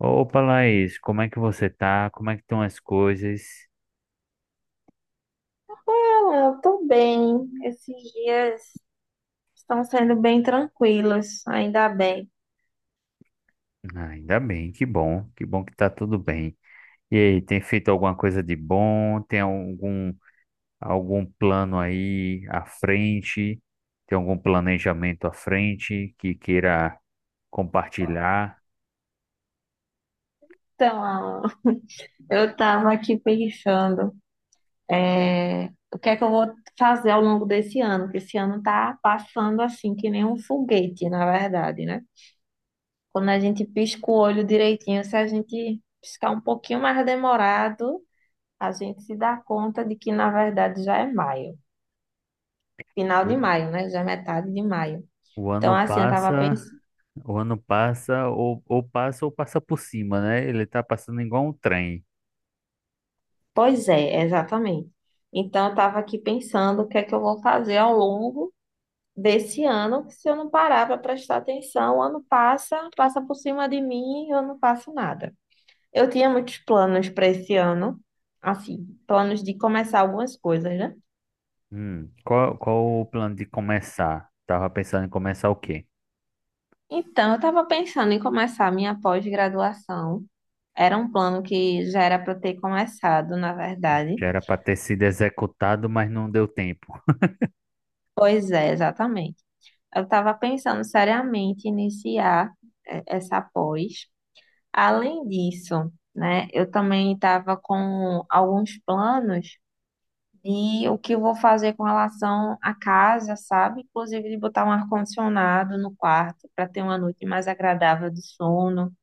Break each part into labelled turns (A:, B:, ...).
A: Opa, Laís, como é que você tá? Como é que estão as coisas?
B: Ah, eu tô bem. Esses dias estão sendo bem tranquilos, ainda bem.
A: Ah, ainda bem, que bom, que bom que tá tudo bem. E aí, tem feito alguma coisa de bom? Tem algum plano aí à frente? Tem algum planejamento à frente que queira compartilhar?
B: Então, Alan, eu tava aqui pensando, é, o que é que eu vou fazer ao longo desse ano, porque esse ano tá passando assim, que nem um foguete, na verdade, né? Quando a gente pisca o olho direitinho, se a gente piscar um pouquinho mais demorado, a gente se dá conta de que, na verdade, já é maio. Final
A: O
B: de maio, né? Já é metade de maio.
A: o
B: Então,
A: ano
B: assim, eu tava
A: passa,
B: pensando.
A: o ano passa, ou passa ou passa por cima, né? Ele tá passando igual um trem.
B: Pois é, exatamente. Então, eu estava aqui pensando o que é que eu vou fazer ao longo desse ano, que se eu não parar para prestar atenção, o ano passa, passa por cima de mim e eu não faço nada. Eu tinha muitos planos para esse ano, assim, planos de começar algumas coisas, né?
A: Qual o plano de começar? Tava pensando em começar o quê?
B: Então, eu estava pensando em começar a minha pós-graduação. Era um plano que já era para eu ter começado, na verdade.
A: Já era para ter sido executado, mas não deu tempo.
B: Pois é, exatamente. Eu estava pensando seriamente em iniciar essa pós. Além disso, né, eu também estava com alguns planos de o que eu vou fazer com relação à casa, sabe? Inclusive de botar um ar-condicionado no quarto para ter uma noite mais agradável de sono,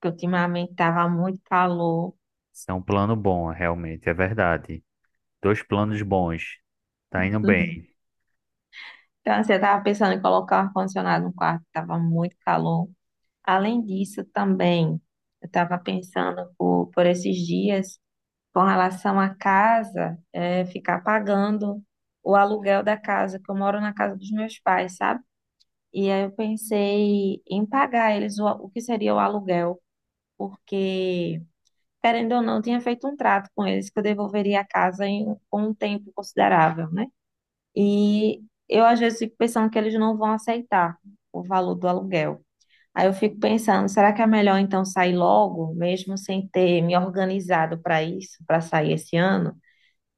B: porque ultimamente estava muito calor.
A: Isso é um plano bom, realmente, é verdade. Dois planos bons. Tá indo bem.
B: Então, assim, eu estava pensando em colocar um ar-condicionado no quarto, estava muito calor. Além disso, também, eu estava pensando por esses dias. Com relação à casa, é ficar pagando o aluguel da casa, que eu moro na casa dos meus pais, sabe? E aí eu pensei em pagar eles o que seria o aluguel, porque, querendo ou não, eu tinha feito um trato com eles que eu devolveria a casa com um tempo considerável, né? E eu às vezes fico pensando que eles não vão aceitar o valor do aluguel. Aí eu fico pensando, será que é melhor então sair logo, mesmo sem ter me organizado para isso, para sair esse ano?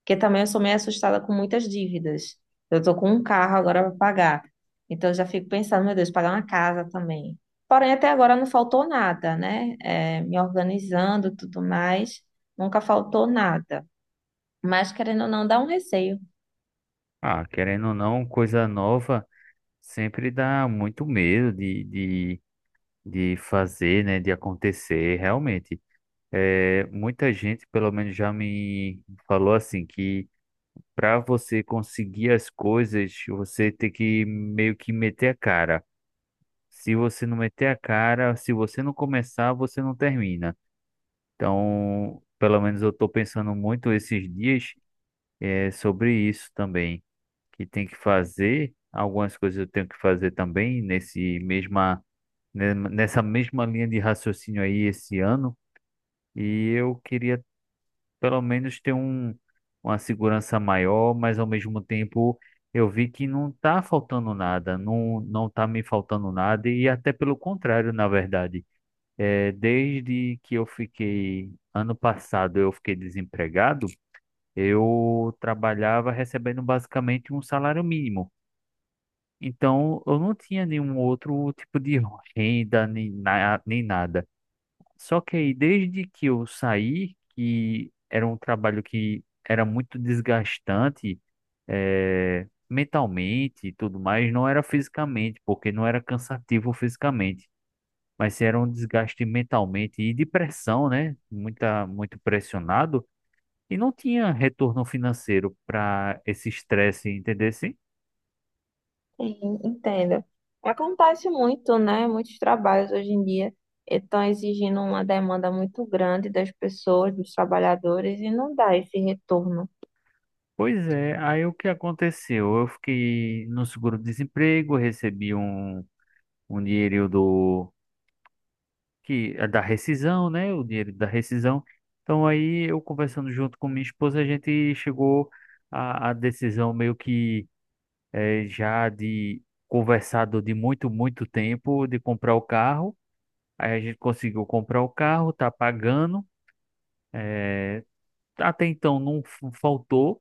B: Porque também eu sou meio assustada com muitas dívidas. Eu tô com um carro agora para pagar. Então eu já fico pensando, meu Deus, pagar uma casa também. Porém, até agora não faltou nada, né? É, me organizando, e tudo mais, nunca faltou nada. Mas querendo ou não, dá um receio.
A: Ah, querendo ou não, coisa nova sempre dá muito medo de fazer, né? De acontecer, realmente. É, muita gente, pelo menos, já me falou assim que para você conseguir as coisas, você tem que meio que meter a cara. Se você não meter a cara, se você não começar, você não termina. Então, pelo menos eu estou pensando muito esses dias, sobre isso também, que tem que fazer, algumas coisas eu tenho que fazer também nessa mesma linha de raciocínio aí esse ano, e eu queria pelo menos uma segurança maior, mas ao mesmo tempo eu vi que não está faltando nada, não, não está me faltando nada, e até pelo contrário, na verdade. É, desde que eu fiquei, ano passado eu fiquei desempregado, eu trabalhava recebendo basicamente um salário mínimo. Então, eu não tinha nenhum outro tipo de renda nem nada. Só que aí, desde que eu saí, que era um trabalho que era muito desgastante, mentalmente e tudo mais, não era fisicamente, porque não era cansativo fisicamente, mas era um desgaste mentalmente e de pressão, né? Muito pressionado. E não tinha retorno financeiro para esse estresse, entendesse?
B: Sim, entendo. Acontece muito, né? Muitos trabalhos hoje em dia estão exigindo uma demanda muito grande das pessoas, dos trabalhadores, e não dá esse retorno.
A: Pois é, aí o que aconteceu? Eu fiquei no seguro-desemprego, um dinheiro é da rescisão, né? O dinheiro da rescisão. Então aí eu conversando junto com minha esposa, a gente chegou à decisão meio que já de conversado de muito, muito tempo de comprar o carro. Aí a gente conseguiu comprar o carro, tá pagando. eh, Até então faltou,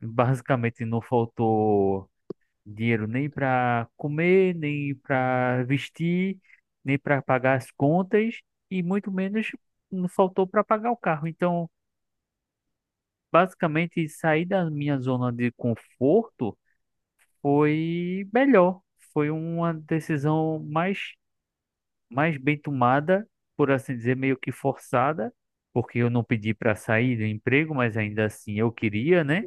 A: basicamente não faltou dinheiro nem para comer, nem para vestir, nem para pagar as contas e muito menos não faltou para pagar o carro. Então, basicamente, sair da minha zona de conforto foi melhor, foi uma decisão mais bem tomada, por assim dizer, meio que forçada, porque eu não pedi para sair do emprego, mas ainda assim eu queria, né?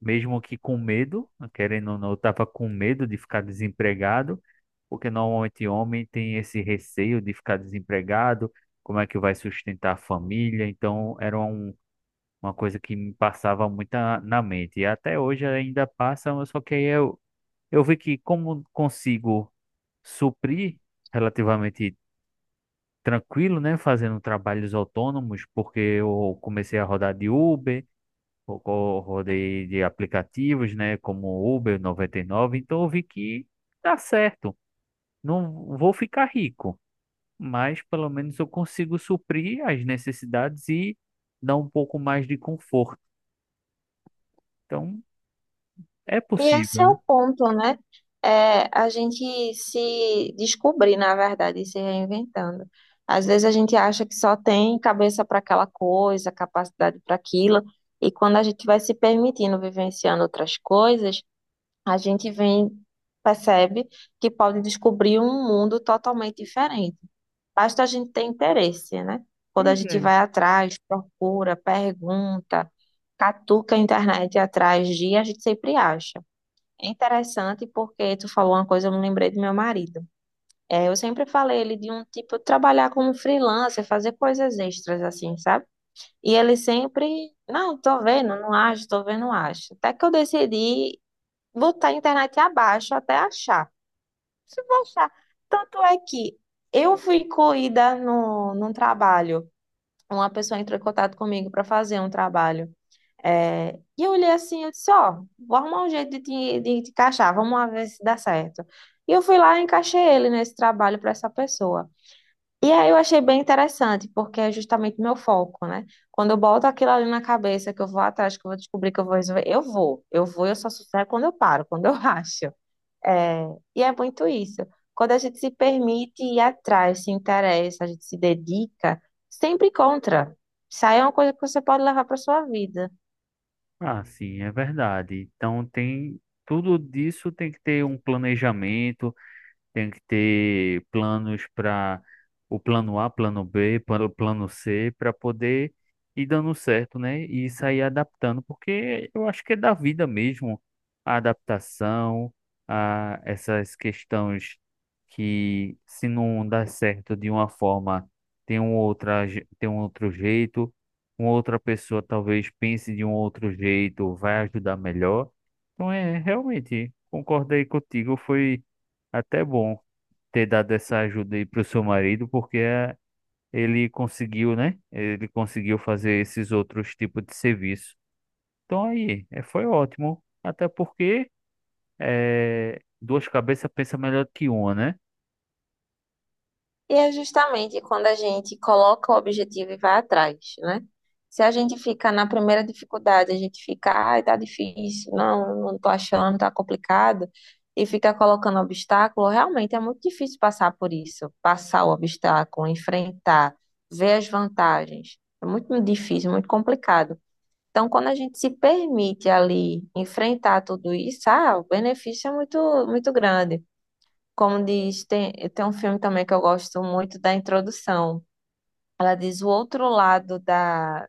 A: Mesmo que com medo, querendo ou não, eu estava com medo de ficar desempregado, porque normalmente homem tem esse receio de ficar desempregado, como é que vai sustentar a família, então uma coisa que me passava muito na mente, e até hoje ainda passa, mas só que eu vi que como consigo suprir relativamente tranquilo, né, fazendo trabalhos autônomos, porque eu comecei a rodar de Uber, rodei de aplicativos, né, como Uber 99. Então eu vi que dá certo. Não vou ficar rico, mas pelo menos eu consigo suprir as necessidades e dar um pouco mais de conforto. Então é
B: E esse
A: possível,
B: é
A: né?
B: o ponto, né? É a gente se descobrir, na verdade, e se reinventando. Às vezes a gente acha que só tem cabeça para aquela coisa, capacidade para aquilo, e quando a gente vai se permitindo vivenciando outras coisas, a gente vem, percebe que pode descobrir um mundo totalmente diferente. Basta a gente ter interesse, né? Quando a
A: Pois
B: gente
A: é.
B: vai atrás, procura, pergunta, catuca a internet atrás de, a gente sempre acha. É interessante porque tu falou uma coisa, eu me lembrei do meu marido. É, eu sempre falei ele de um tipo trabalhar como freelancer, fazer coisas extras assim, sabe? E ele sempre, não, tô vendo, não acho, tô vendo, não acho. Até que eu decidi botar a internet abaixo até achar. Se vou achar. Tanto é que eu fui incluída no, num trabalho. Uma pessoa entrou em contato comigo para fazer um trabalho. É, e eu olhei assim, eu disse, ó, vou arrumar um jeito de te encaixar, vamos lá ver se dá certo. E eu fui lá e encaixei ele nesse trabalho para essa pessoa. E aí eu achei bem interessante, porque é justamente meu foco, né? Quando eu boto aquilo ali na cabeça, que eu vou atrás, que eu vou descobrir que eu vou resolver, eu vou, eu só sucesso é quando eu paro, quando eu acho. É, e é muito isso. Quando a gente se permite ir atrás, se interessa, a gente se dedica, sempre encontra. Isso aí é uma coisa que você pode levar para sua vida.
A: Ah, sim, é verdade. Então tem tudo disso, tem que ter um planejamento, tem que ter planos para o plano A, plano B, para o plano C, para poder ir dando certo, né? E sair adaptando, porque eu acho que é da vida mesmo a adaptação, a essas questões, que se não dá certo de uma forma, tem um outro jeito, uma outra pessoa talvez pense de um outro jeito, vai ajudar melhor. Então é, realmente, concordei contigo, foi até bom ter dado essa ajuda aí pro seu marido, porque ele conseguiu, né? Ele conseguiu fazer esses outros tipos de serviço. Então aí, foi ótimo. Até porque duas cabeças pensam melhor que uma, né?
B: E é justamente quando a gente coloca o objetivo e vai atrás, né? Se a gente fica na primeira dificuldade, a gente fica, ai, tá difícil, não tô achando, tá complicado, e fica colocando obstáculo, realmente é muito difícil passar por isso, passar o obstáculo, enfrentar, ver as vantagens. É muito difícil, muito complicado. Então, quando a gente se permite ali enfrentar tudo isso, ah, o benefício é muito, muito grande. Como diz, tem um filme também que eu gosto muito da introdução. Ela diz o outro lado da.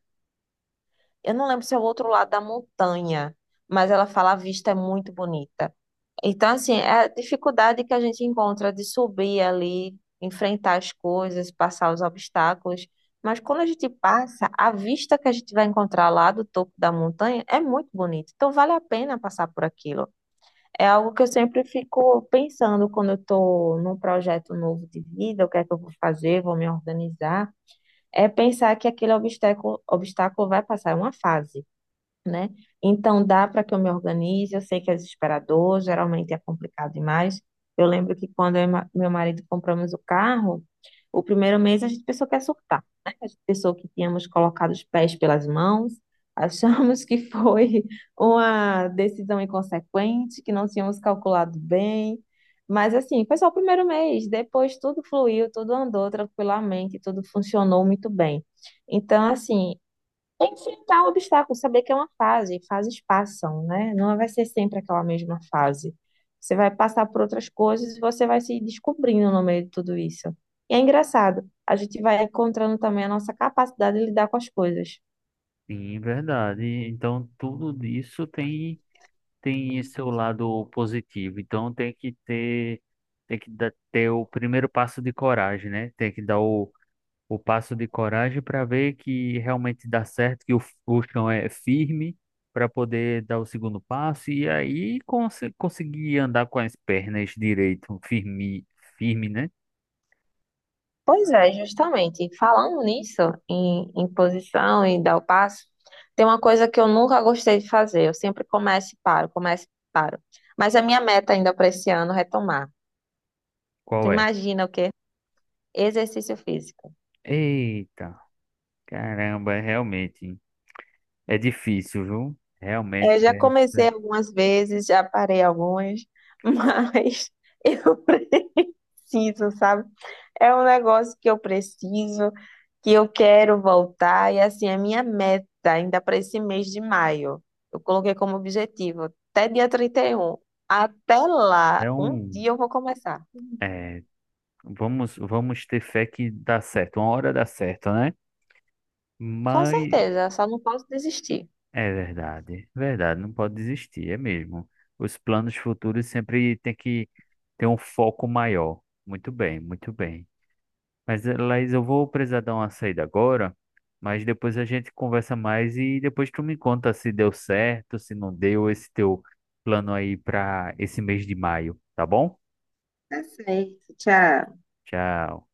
B: Eu não lembro se é o outro lado da montanha, mas ela fala a vista é muito bonita. Então, assim, é a dificuldade que a gente encontra de subir ali, enfrentar as coisas, passar os obstáculos. Mas quando a gente passa, a vista que a gente vai encontrar lá do topo da montanha é muito bonita. Então, vale a pena passar por aquilo. É algo que eu sempre fico pensando quando eu estou num projeto novo de vida, o que é que eu vou fazer, vou me organizar. É pensar que aquele obstáculo vai passar, é uma fase né? Então dá para que eu me organize. Eu sei que é desesperador, geralmente é complicado demais. Eu lembro que quando eu e meu marido compramos o carro, o primeiro mês a gente pensou que ia surtar, né? A gente pensou que tínhamos colocado os pés pelas mãos, achamos que foi uma decisão inconsequente, que não tínhamos calculado bem. Mas assim, foi só o primeiro mês, depois tudo fluiu, tudo andou tranquilamente, tudo funcionou muito bem. Então, assim, é enfrentar o obstáculo, saber que é uma fase, fases passam, né? Não vai ser sempre aquela mesma fase. Você vai passar por outras coisas e você vai se descobrindo no meio de tudo isso. E é engraçado, a gente vai encontrando também a nossa capacidade de lidar com as coisas.
A: Sim, verdade. Então tudo isso tem tem seu lado positivo. Então tem que dar, ter o primeiro passo de coragem, né? Tem que dar o passo de coragem para ver que realmente dá certo, que o chão é firme para poder dar o segundo passo e aí conseguir andar com as pernas direito, firme, firme, né?
B: Pois é, justamente. Falando nisso, em posição e dar o passo, tem uma coisa que eu nunca gostei de fazer. Eu sempre começo e paro, começo e paro. Mas a minha meta ainda para esse ano é retomar. Tu
A: Qual é?
B: imagina o quê? Exercício físico.
A: Eita, caramba, é realmente é difícil, viu? Realmente
B: É, já comecei
A: essa
B: algumas vezes, já parei algumas, mas eu preciso, sabe? É um negócio que eu preciso, que eu quero voltar, e assim, a minha meta ainda para esse mês de maio, eu coloquei como objetivo até dia 31. Até lá,
A: é
B: um
A: um
B: dia eu vou começar.
A: é, vamos ter fé que dá certo, uma hora dá certo, né?
B: Com
A: Mas
B: certeza, só não posso desistir.
A: é verdade, verdade, não pode desistir, é mesmo. Os planos futuros sempre tem que ter um foco maior. Muito bem, muito bem. Mas, Laís, eu vou precisar dar uma saída agora, mas depois a gente conversa mais e depois tu me conta se deu certo, se não deu esse teu plano aí para esse mês de maio, tá bom?
B: Tá certo, tchau.
A: Tchau.